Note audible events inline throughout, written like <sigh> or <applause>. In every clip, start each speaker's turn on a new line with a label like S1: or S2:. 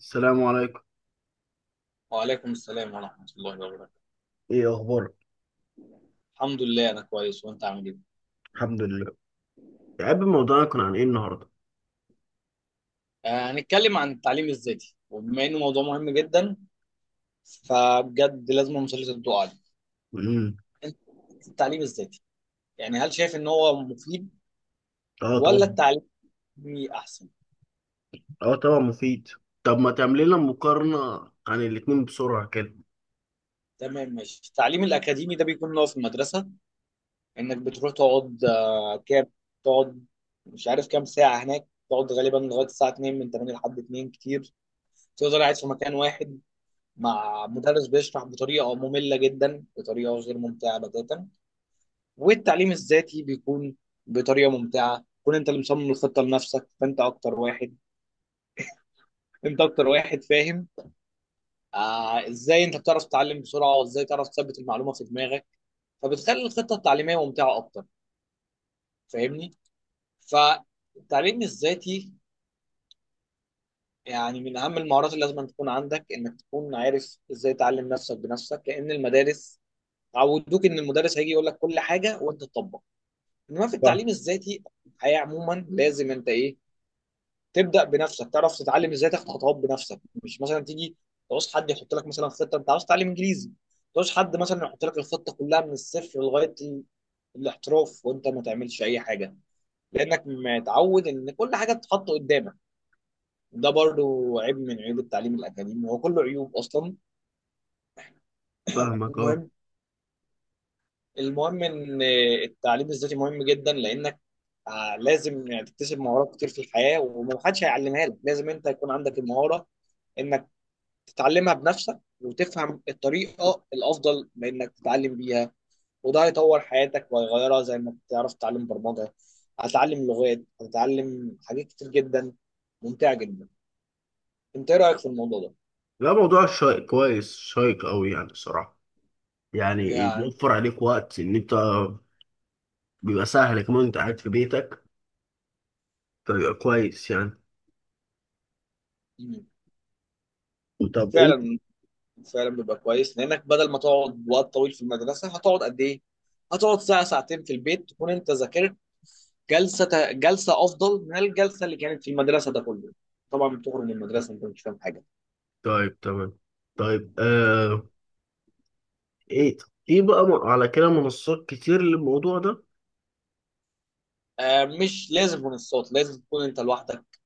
S1: السلام عليكم.
S2: وعليكم السلام ورحمة الله وبركاته.
S1: ايه اخبارك؟
S2: الحمد لله أنا كويس وأنت عامل إيه؟
S1: الحمد لله. يا عم، موضوعنا كان عن ايه النهارده؟
S2: هنتكلم عن التعليم الذاتي، وبما إنه موضوع مهم جدا فبجد لازم مسلسل الضوء عليه.
S1: امم.
S2: أنت التعليم الذاتي يعني هل شايف إن هو مفيد،
S1: اه،
S2: ولا
S1: طبعا.
S2: التعليم الأكاديمي أحسن؟
S1: اه، طبعا مفيد. طب ما تعمل لنا مقارنه عن الاتنين بسرعه كده؟
S2: تمام ماشي. التعليم الأكاديمي ده بيكون اللي هو في المدرسة، إنك بتروح تقعد كام تقعد، مش عارف كام ساعة هناك، تقعد غالبا لغاية الساعة 2، من 8 لحد 2 كتير، تفضل قاعد في مكان واحد مع مدرس بيشرح بطريقه ممله جدا، بطريقه غير ممتعه بتاتا. والتعليم الذاتي بيكون بطريقه ممتعه، كون انت اللي مصمم الخطه لنفسك، فانت اكتر واحد فاهم آه ازاي انت بتعرف تتعلم بسرعه، وازاي تعرف تثبت المعلومه في دماغك، فبتخلي الخطه التعليميه ممتعه اكتر. فاهمني؟ فالتعليم الذاتي يعني من اهم المهارات اللي لازم تكون عندك، انك تكون عارف ازاي تعلم نفسك بنفسك، لان المدارس عودوك ان المدرس هيجي يقول لك كل حاجه وانت تطبق. انما في
S1: فاهم-
S2: التعليم الذاتي، الحياه عموما، لازم انت ايه، تبدا بنفسك تعرف تتعلم ازاي، تاخد خطوات بنفسك، مش مثلا تيجي تعوز حد يحط لك مثلا خطه. انت عاوز تتعلم انجليزي، تعوز حد مثلا يحط لك الخطه كلها من الصفر لغايه الاحتراف، وانت ما تعملش اي حاجه، لانك متعود ان كل حاجه تتحط قدامك. ده برضو عيب من عيوب التعليم الاكاديمي، هو كله عيوب اصلا.
S1: فاهمك، اه.
S2: المهم المهم ان التعليم الذاتي مهم جدا، لانك آه لازم يعني تكتسب مهارات كتير في الحياة، ومحدش هيعلمها لك. لازم انت يكون عندك المهارة انك تتعلمها بنفسك، وتفهم الطريقة الافضل بانك تتعلم بيها. وده هيطور حياتك وهيغيرها، زي انك تعرف تتعلم برمجة، هتتعلم لغات، هتتعلم حاجات كتير جدا ممتعة جدا. انت ايه رأيك في الموضوع ده؟
S1: لا، موضوع شيق، كويس شيق قوي يعني الصراحه. يعني
S2: يعني
S1: بيوفر عليك وقت ان انت. بيبقى سهل كمان، انت قاعد في بيتك. فبيبقى كويس يعني. طب انت.
S2: فعلا، فعلا بيبقى كويس لانك بدل ما تقعد وقت طويل في المدرسة، هتقعد قد ايه؟ هتقعد ساعة ساعتين في البيت، تكون انت ذاكرت جلسه جلسه افضل من الجلسه اللي كانت في المدرسه. ده كله طبعا بتخرج من المدرسه انت مش فاهم حاجه.
S1: طيب، تمام. طيب، ايه. في بقى على كده منصات كتير للموضوع ده.
S2: آه مش لازم منصات، لازم تكون انت لوحدك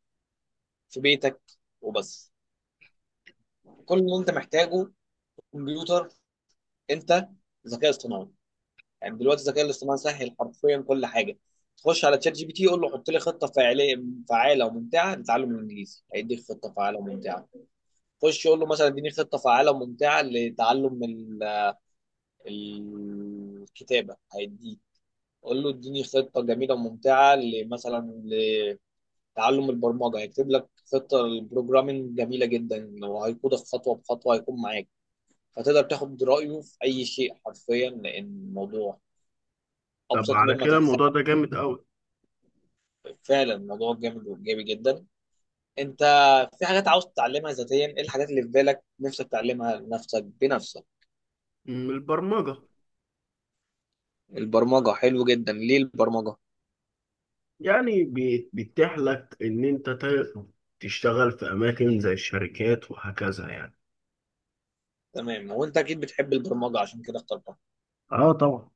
S2: في بيتك وبس. كل اللي انت محتاجه كمبيوتر، انت، ذكاء اصطناعي، يعني دلوقتي الذكاء الاصطناعي سهل، حرفيا كل حاجه. تخش على تشات جي بي تي قول له حط لي خطه فعاله وممتعه لتعلم الانجليزي، هيديك خطه فعاله وممتعه. خش قول له مثلا اديني خطه فعاله وممتعه لتعلم الكتابه، هيديك. قول له اديني خطه جميله وممتعه مثلا لتعلم البرمجه، هيكتب لك خطه للبروجرامينج جميله جدا، وهيقودك خطوه بخطوه، هيكون معاك. فتقدر تاخد رايه في اي شيء حرفيا، لان الموضوع
S1: طب
S2: ابسط
S1: على
S2: مما
S1: كده
S2: تتخيل.
S1: الموضوع ده جامد قوي.
S2: فعلا الموضوع جامد وايجابي جدا. انت في حاجات عاوز تتعلمها ذاتيا؟ ايه الحاجات اللي في بالك نفسك تعلمها لنفسك بنفسك؟
S1: من البرمجة.
S2: البرمجه حلو جدا، ليه البرمجه؟
S1: يعني بيتيح لك إن أنت تشتغل في أماكن زي الشركات وهكذا يعني.
S2: تمام، وانت اكيد بتحب البرمجه عشان كده اخترتها.
S1: آه، طبعا.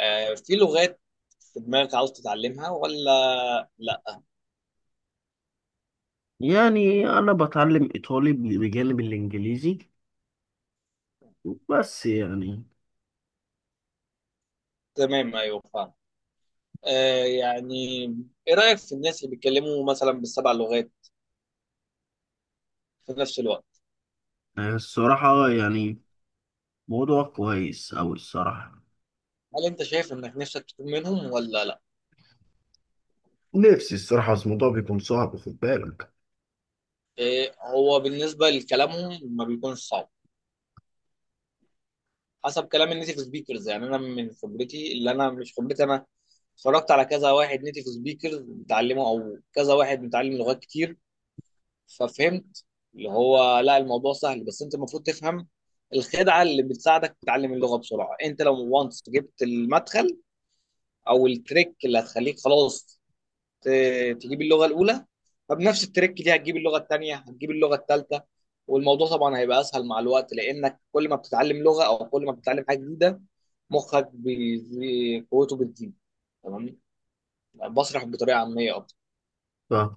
S2: في لغات في دماغك عاوز تتعلمها ولا لا؟
S1: يعني أنا بتعلم إيطالي بجانب الإنجليزي، بس يعني.
S2: تمام ايوه فاهم. يعني ايه رأيك في الناس اللي بيتكلموا مثلا بالسبع لغات في نفس الوقت؟
S1: آه، الصراحة يعني. موضوع كويس أوي الصراحة.
S2: هل انت شايف انك نفسك تكون منهم ولا لا؟
S1: نفسي الصراحة، بس الموضوع بيكون صعب، خد بالك.
S2: هو بالنسبة لكلامهم ما بيكونش صعب، حسب كلام النيتيف سبيكرز. يعني انا من خبرتي، اللي انا مش خبرتي انا، اتفرجت على كذا واحد نيتيف سبيكرز بيتعلموا، او كذا واحد متعلم لغات كتير، ففهمت اللي هو لا، الموضوع سهل، بس انت المفروض تفهم الخدعه اللي بتساعدك تتعلم اللغه بسرعه. انت لو وانس جبت المدخل او التريك اللي هتخليك خلاص تجيب اللغه الاولى، فبنفس التريك دي هتجيب اللغه الثانيه، هتجيب اللغه الثالثه. والموضوع طبعا هيبقى اسهل مع الوقت، لانك كل ما بتتعلم لغه، او كل ما بتتعلم حاجه جديده، مخك قوته بتزيد. تمام، بشرح بطريقه عاميه اكتر.
S1: طب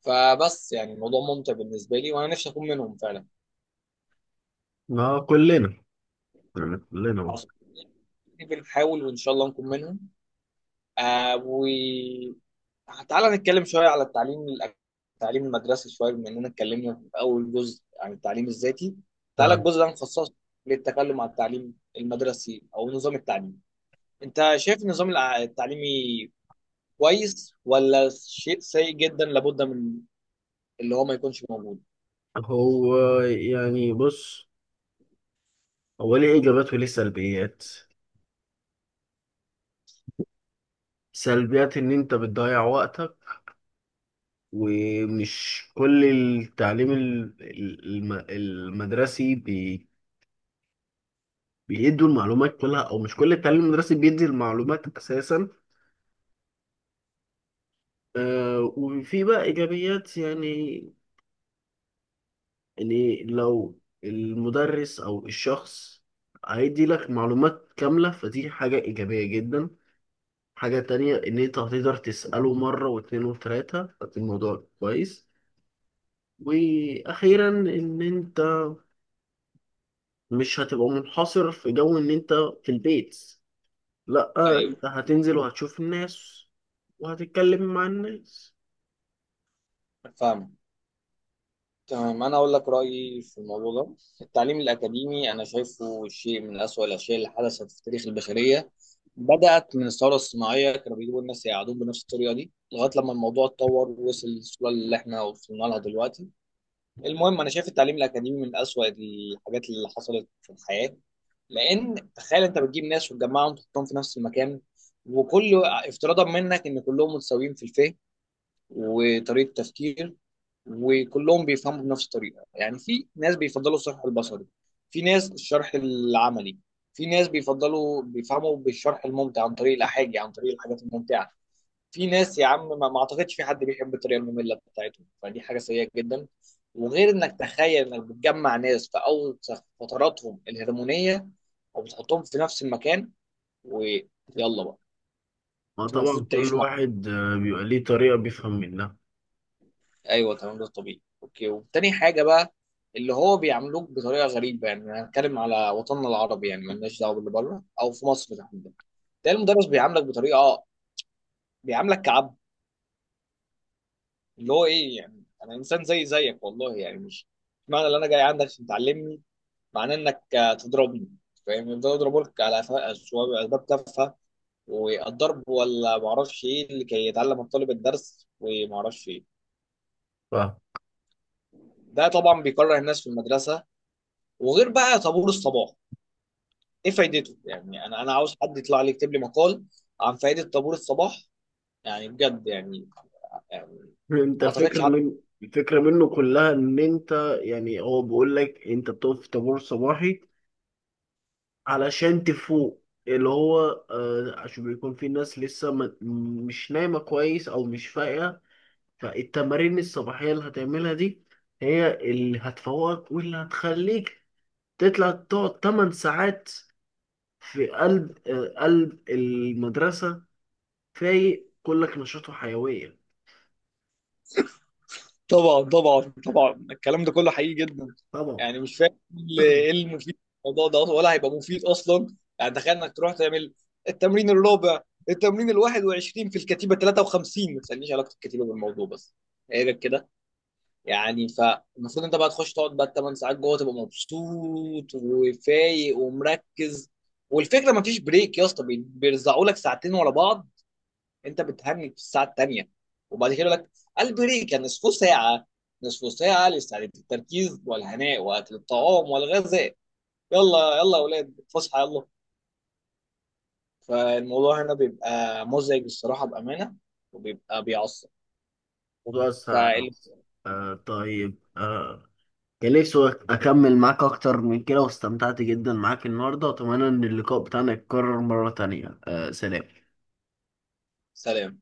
S2: فبس يعني الموضوع ممتع بالنسبه لي، وانا نفسي اكون منهم فعلا.
S1: ما كلنا، يعني كلنا.
S2: بنحاول، وان شاء الله نكون منهم. آه وتعالى نتكلم شويه على التعليم المدرسي شويه، بما اننا اتكلمنا في اول جزء عن التعليم الذاتي. تعالى
S1: طب
S2: الجزء ده نخصصه للتكلم عن التعليم المدرسي او نظام التعليم. انت شايف النظام التعليمي كويس، ولا شيء سيء جدا لابد من اللي هو ما يكونش موجود؟
S1: هو يعني بص، هو ليه إيجابات وليه سلبيات. سلبيات ان انت بتضيع وقتك. ومش كل التعليم المدرسي بيدوا المعلومات كلها، او مش كل التعليم المدرسي بيدي المعلومات اساسا. آه، وفي بقى ايجابيات يعني. يعني لو المدرس او الشخص هيدي لك معلومات كاملة فدي حاجة ايجابية جدا. حاجة تانية ان انت هتقدر تسأله مرة واتنين وتلاتة فدي الموضوع كويس. واخيرا ان انت مش هتبقى منحصر في جو ان انت في البيت، لا.
S2: ايوه
S1: انت هتنزل وهتشوف الناس وهتتكلم مع الناس.
S2: فاهم تمام. انا اقول لك رايي في الموضوع ده. التعليم الاكاديمي انا شايفه شيء من اسوأ الاشياء اللي حدثت في تاريخ البشريه، بدات من الثوره الصناعيه، كانوا بيجيبوا الناس يقعدون بنفس الطريقه دي لغايه لما الموضوع اتطور ووصل للصوره اللي احنا وصلنا لها دلوقتي. المهم انا شايف التعليم الاكاديمي من اسوأ الحاجات اللي حصلت في الحياه. لان تخيل انت بتجيب ناس وتجمعهم وتحطهم في نفس المكان، وكل افتراضا منك ان كلهم متساويين في الفهم وطريقه تفكير، وكلهم بيفهموا بنفس الطريقه. يعني في ناس بيفضلوا الشرح البصري، في ناس الشرح العملي، في ناس بيفضلوا بيفهموا بالشرح الممتع عن طريق الاحاجي، عن طريق الحاجات الممتعه. في ناس يا عم ما اعتقدش في حد بيحب الطريقه الممله بتاعتهم. فدي حاجه سيئه جدا. وغير انك تخيل انك بتجمع ناس في اول فتراتهم الهرمونيه وبتحطهم في نفس المكان، ويلا بقى
S1: ما
S2: انتوا المفروض
S1: طبعا كل
S2: تعيشوا.
S1: واحد بيبقى ليه طريقة بيفهم منها.
S2: ايوه تمام ده طبيعي، اوكي. وتاني حاجه بقى اللي هو بيعملوك بطريقه غريبه، يعني أنا هنتكلم على وطننا العربي، يعني مالناش دعوه باللي بره، او في مصر تحديدا، تلاقي المدرس بيعاملك بطريقه بيعاملك كعبد. اللي هو ايه يعني، انا انسان زي زيك، والله يعني مش معنى ان انا جاي عندك عشان تعلمني، معناه انك تضربني. فاهم، يفضلوا يضربوك على أسباب تافهه، والضرب، ولا معرفش ايه لكي يتعلم الطالب الدرس، ومعرفش ايه.
S1: ف
S2: ده طبعا بيكره الناس في المدرسه. وغير بقى طابور الصباح، ايه فايدته؟ يعني انا عاوز حد يطلع لي يكتب لي مقال عن فائده طابور الصباح. يعني بجد يعني. يعني
S1: انت،
S2: ما اعتقدش حد.
S1: الفكرة منه كلها ان انت يعني هو بيقول لك انت بتقف في طابور صباحي علشان تفوق. اللي هو عشان بيكون في ناس لسه مش نايمة كويس او مش فايقة. فالتمارين الصباحية اللي هتعملها دي هي اللي هتفوقك واللي هتخليك تطلع تقعد 8 ساعات في قلب المدرسة فايق كلك نشاط وحيوية.
S2: طبعا طبعا طبعا الكلام ده كله حقيقي جدا.
S1: طبعا.
S2: يعني مش فاهم
S1: <clears throat>
S2: ايه المفيد في الموضوع ده أصلاً، ولا هيبقى مفيد اصلا. يعني تخيل انك تروح تعمل التمرين الرابع، التمرين ال 21 في الكتيبه 53، ما تسالنيش علاقه الكتيبه بالموضوع بس ايه ده كده. يعني فالمفروض انت بقى تخش تقعد بقى 8 ساعات جوه تبقى مبسوط وفايق ومركز. والفكره ما فيش بريك يا اسطى، بيرزعوا لك ساعتين ورا بعض، انت بتهنج في الساعه الثانيه، وبعد كده يقول لك البريك يعني نصف ساعه. نصف ساعه لاستعاده التركيز والهناء واكل الطعام والغذاء، يلا يلا يا اولاد فسحه يلا. فالموضوع هنا بيبقى مزعج الصراحه بامانه، وبيبقى بيعصب.
S1: موضوع أثر على نفسي. آه، طيب، كان نفسي أكمل معاك أكتر من كده، واستمتعت جدا معاك النهاردة، وأتمنى إن اللقاء بتاعنا يتكرر مرة تانية. سلام.
S2: فسلام.